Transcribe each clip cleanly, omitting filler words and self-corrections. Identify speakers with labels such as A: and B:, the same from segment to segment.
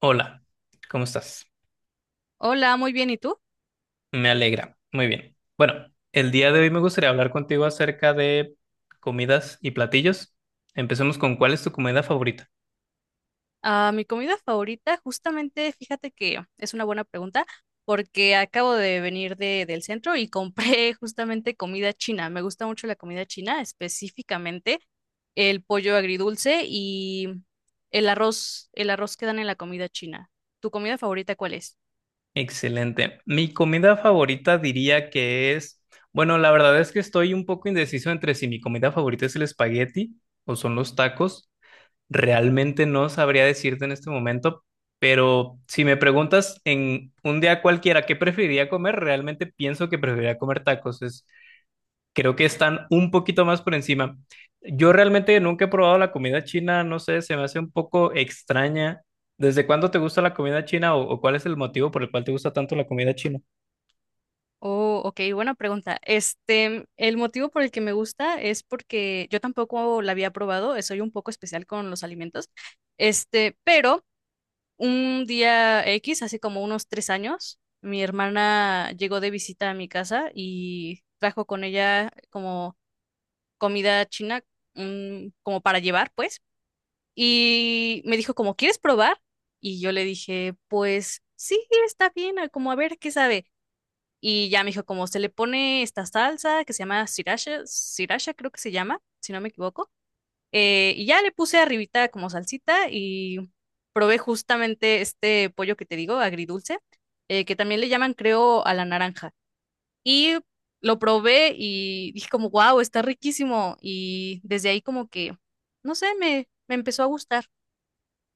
A: Hola, ¿cómo estás?
B: Hola, muy bien. ¿Y tú?
A: Me alegra. Muy bien. Bueno, el día de hoy me gustaría hablar contigo acerca de comidas y platillos. Empecemos con, ¿cuál es tu comida favorita?
B: Ah, mi comida favorita, justamente, fíjate que es una buena pregunta porque acabo de venir del centro y compré justamente comida china. Me gusta mucho la comida china, específicamente el pollo agridulce y el arroz que dan en la comida china. ¿Tu comida favorita cuál es?
A: Excelente. Mi comida favorita diría que es, bueno, la verdad es que estoy un poco indeciso entre si mi comida favorita es el espagueti o son los tacos. Realmente no sabría decirte en este momento, pero si me preguntas en un día cualquiera qué preferiría comer, realmente pienso que preferiría comer tacos. Es, creo que están un poquito más por encima. Yo realmente nunca he probado la comida china, no sé, se me hace un poco extraña. ¿Desde cuándo te gusta la comida china o cuál es el motivo por el cual te gusta tanto la comida china?
B: Oh, ok, buena pregunta. Este, el motivo por el que me gusta es porque yo tampoco la había probado, soy un poco especial con los alimentos. Este, pero un día X, hace como unos 3 años, mi hermana llegó de visita a mi casa y trajo con ella como comida china, como para llevar, pues. Y me dijo como, ¿quieres probar? Y yo le dije, pues sí, está bien, como a ver qué sabe. Y ya me dijo como, se le pone esta salsa que se llama sriracha, sriracha creo que se llama, si no me equivoco, y ya le puse arribita como salsita y probé justamente este pollo que te digo, agridulce, que también le llaman, creo, a la naranja. Y lo probé y dije como, wow, está riquísimo. Y desde ahí como que, no sé, me empezó a gustar.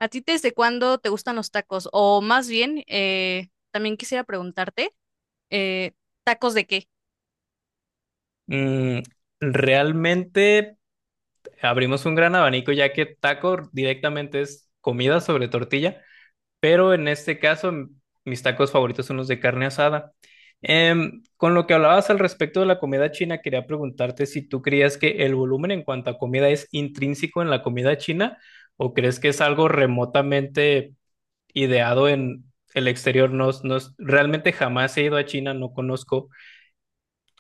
B: ¿A ti desde cuándo te gustan los tacos? O más bien, también quisiera preguntarte, eh, ¿tacos de qué?
A: Mm, realmente abrimos un gran abanico ya que taco directamente es comida sobre tortilla, pero en este caso mis tacos favoritos son los de carne asada. Con lo que hablabas al respecto de la comida china, quería preguntarte si tú creías que el volumen en cuanto a comida es intrínseco en la comida china o crees que es algo remotamente ideado en el exterior. No, realmente jamás he ido a China, no conozco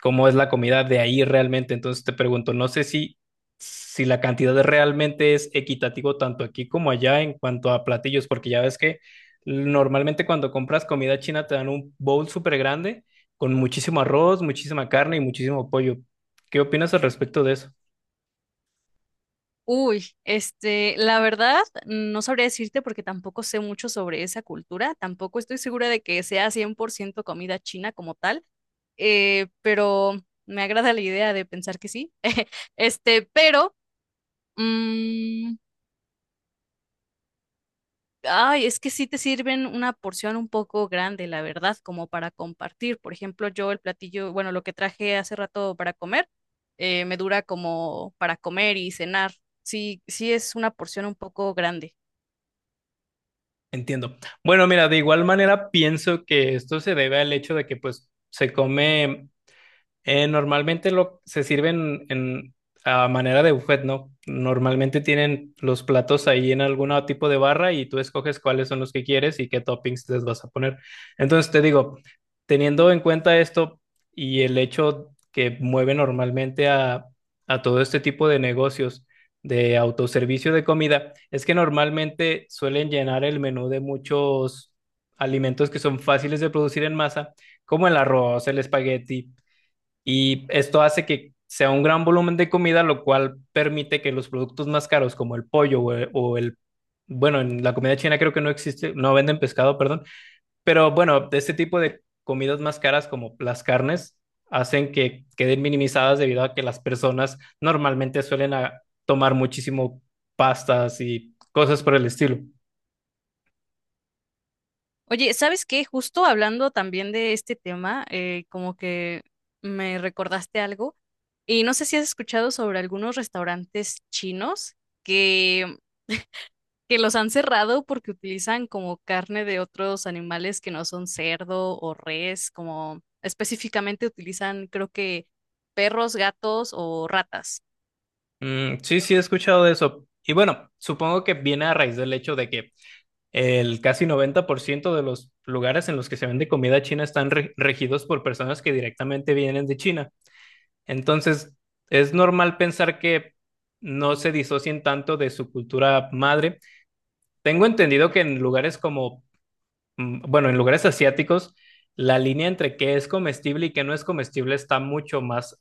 A: cómo es la comida de ahí realmente. Entonces te pregunto, no sé si, si la cantidad realmente es equitativo tanto aquí como allá en cuanto a platillos, porque ya ves que normalmente cuando compras comida china te dan un bowl súper grande con muchísimo arroz, muchísima carne y muchísimo pollo. ¿Qué opinas al respecto de eso?
B: Uy, este, la verdad, no sabría decirte porque tampoco sé mucho sobre esa cultura, tampoco estoy segura de que sea 100% comida china como tal, pero me agrada la idea de pensar que sí. Este, pero, mm, ay, es que sí te sirven una porción un poco grande, la verdad, como para compartir. Por ejemplo, yo el platillo, bueno, lo que traje hace rato para comer, me dura como para comer y cenar. Sí, sí es una porción un poco grande.
A: Entiendo. Bueno, mira, de igual manera pienso que esto se debe al hecho de que pues se come. Normalmente lo, se sirven en, a manera de buffet, ¿no? Normalmente tienen los platos ahí en algún tipo de barra y tú escoges cuáles son los que quieres y qué toppings les vas a poner. Entonces te digo, teniendo en cuenta esto y el hecho que mueve normalmente a todo este tipo de negocios de autoservicio de comida, es que normalmente suelen llenar el menú de muchos alimentos que son fáciles de producir en masa, como el arroz, el espagueti, y esto hace que sea un gran volumen de comida, lo cual permite que los productos más caros como el pollo o o el, bueno, en la comida china creo que no existe, no venden pescado, perdón, pero bueno, de este tipo de comidas más caras como las carnes, hacen que queden minimizadas debido a que las personas normalmente suelen tomar muchísimo pastas y cosas por el estilo.
B: Oye, ¿sabes qué? Justo hablando también de este tema, como que me recordaste algo y no sé si has escuchado sobre algunos restaurantes chinos que, que los han cerrado porque utilizan como carne de otros animales que no son cerdo o res, como específicamente utilizan creo que perros, gatos o ratas.
A: Mm, sí, sí, he escuchado de eso. Y bueno, supongo que viene a raíz del hecho de que el casi 90% de los lugares en los que se vende comida china están regidos por personas que directamente vienen de China. Entonces, es normal pensar que no se disocien tanto de su cultura madre. Tengo entendido que en lugares como, bueno, en lugares asiáticos, la línea entre qué es comestible y qué no es comestible está mucho más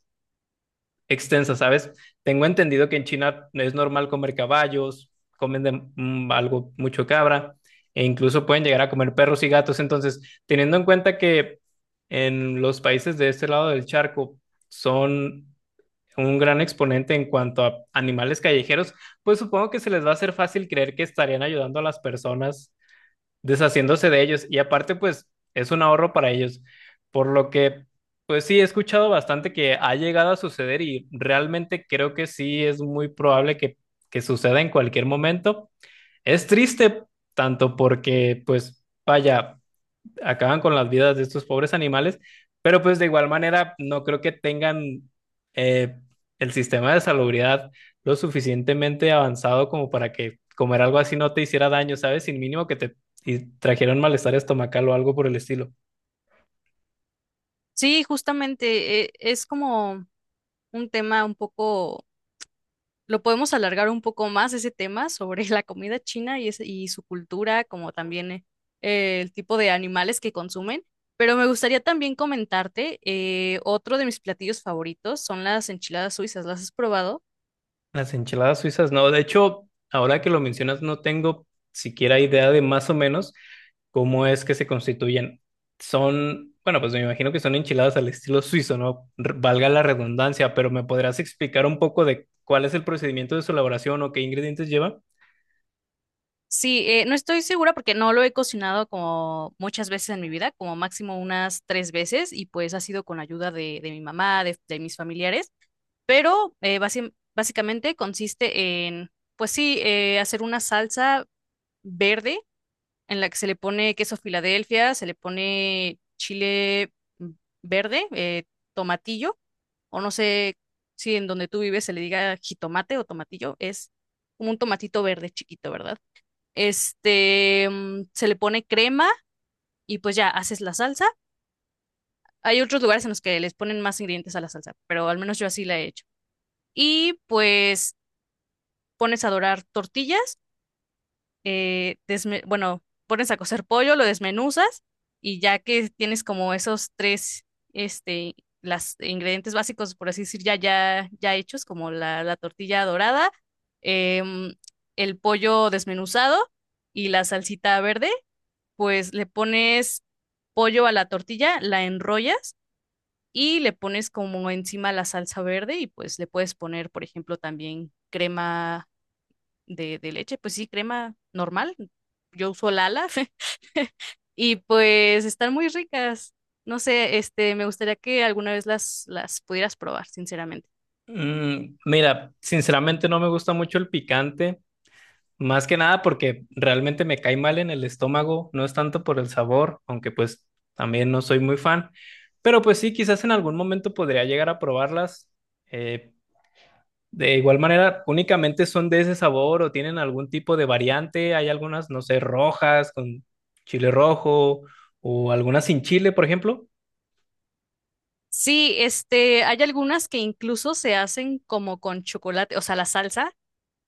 A: extensa, ¿sabes? Tengo entendido que en China es normal comer caballos, comen de, algo mucho cabra e incluso pueden llegar a comer perros y gatos. Entonces, teniendo en cuenta que en los países de este lado del charco son un gran exponente en cuanto a animales callejeros, pues supongo que se les va a hacer fácil creer que estarían ayudando a las personas deshaciéndose de ellos. Y aparte, pues es un ahorro para ellos. Por lo que, pues sí, he escuchado bastante que ha llegado a suceder y realmente creo que sí es muy probable que suceda en cualquier momento. Es triste tanto porque, pues, vaya, acaban con las vidas de estos pobres animales, pero pues de igual manera no creo que tengan eh, el sistema de salubridad lo suficientemente avanzado como para que comer algo así no te hiciera daño, ¿sabes? Sin mínimo que te y trajeran malestar estomacal o algo por el estilo.
B: Sí, justamente, es como un tema un poco. Lo podemos alargar un poco más ese tema sobre la comida china y, y su cultura, como también el tipo de animales que consumen. Pero me gustaría también comentarte, otro de mis platillos favoritos son las enchiladas suizas. ¿Las has probado?
A: Las enchiladas suizas, no. De hecho, ahora que lo mencionas, no tengo siquiera idea de más o menos cómo es que se constituyen. Son, bueno, pues me imagino que son enchiladas al estilo suizo, ¿no? Valga la redundancia, pero ¿me podrás explicar un poco de cuál es el procedimiento de su elaboración o qué ingredientes lleva?
B: Sí, no estoy segura porque no lo he cocinado como muchas veces en mi vida, como máximo unas 3 veces, y pues ha sido con ayuda de mi mamá, de mis familiares. Pero básicamente consiste en, pues sí, hacer una salsa verde en la que se le pone queso Filadelfia, se le pone chile verde, tomatillo, o no sé si en donde tú vives se le diga jitomate o tomatillo, es como un tomatito verde chiquito, ¿verdad? Este, se le pone crema y pues ya haces la salsa. Hay otros lugares en los que les ponen más ingredientes a la salsa, pero al menos yo así la he hecho. Y pues pones a dorar tortillas, bueno, pones a cocer pollo, lo desmenuzas y ya que tienes como esos tres, este, las ingredientes básicos, por así decir, ya hechos, como la tortilla dorada, em, el pollo desmenuzado y la salsita verde, pues le pones pollo a la tortilla, la enrollas y le pones como encima la salsa verde, y pues le puedes poner, por ejemplo, también crema de leche, pues sí, crema normal. Yo uso Lala y pues están muy ricas. No sé, este, me gustaría que alguna vez las pudieras probar, sinceramente.
A: Mm, mira, sinceramente no me gusta mucho el picante. Más que nada porque realmente me cae mal en el estómago, no es tanto por el sabor, aunque pues también no soy muy fan, pero pues sí, quizás en algún momento podría llegar a probarlas. Eh, de igual manera, únicamente son de ese sabor o tienen algún tipo de variante. Hay algunas, no sé, rojas con chile rojo o algunas sin chile, por ejemplo.
B: Sí, este, hay algunas que incluso se hacen como con chocolate, o sea, la salsa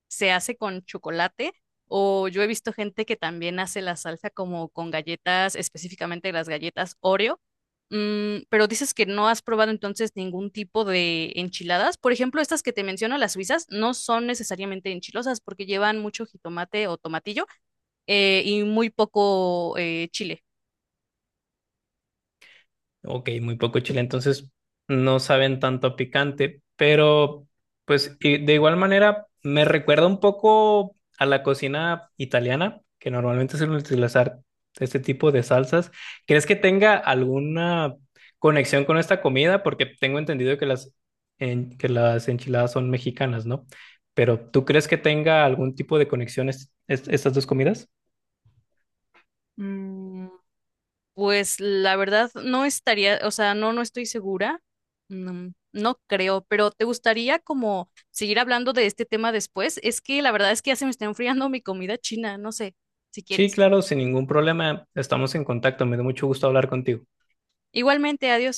B: se hace con chocolate, o yo he visto gente que también hace la salsa como con galletas, específicamente las galletas Oreo. Mm, pero dices que no has probado entonces ningún tipo de enchiladas. Por ejemplo, estas que te menciono, las suizas, no son necesariamente enchilosas porque llevan mucho jitomate o tomatillo, y muy poco chile.
A: Ok, muy poco chile, entonces no saben tanto a picante, pero pues y de igual manera me recuerda un poco a la cocina italiana, que normalmente suelen utilizar este tipo de salsas. ¿Crees que tenga alguna conexión con esta comida? Porque tengo entendido que las, que las enchiladas son mexicanas, ¿no? Pero ¿tú crees que tenga algún tipo de conexión estas dos comidas?
B: Pues la verdad no estaría, o sea, no estoy segura. No, no creo, pero ¿te gustaría como seguir hablando de este tema después? Es que la verdad es que ya se me está enfriando mi comida china, no sé, si
A: Sí,
B: quieres.
A: claro, sin ningún problema, estamos en contacto, me dio mucho gusto hablar contigo.
B: Igualmente, adiós.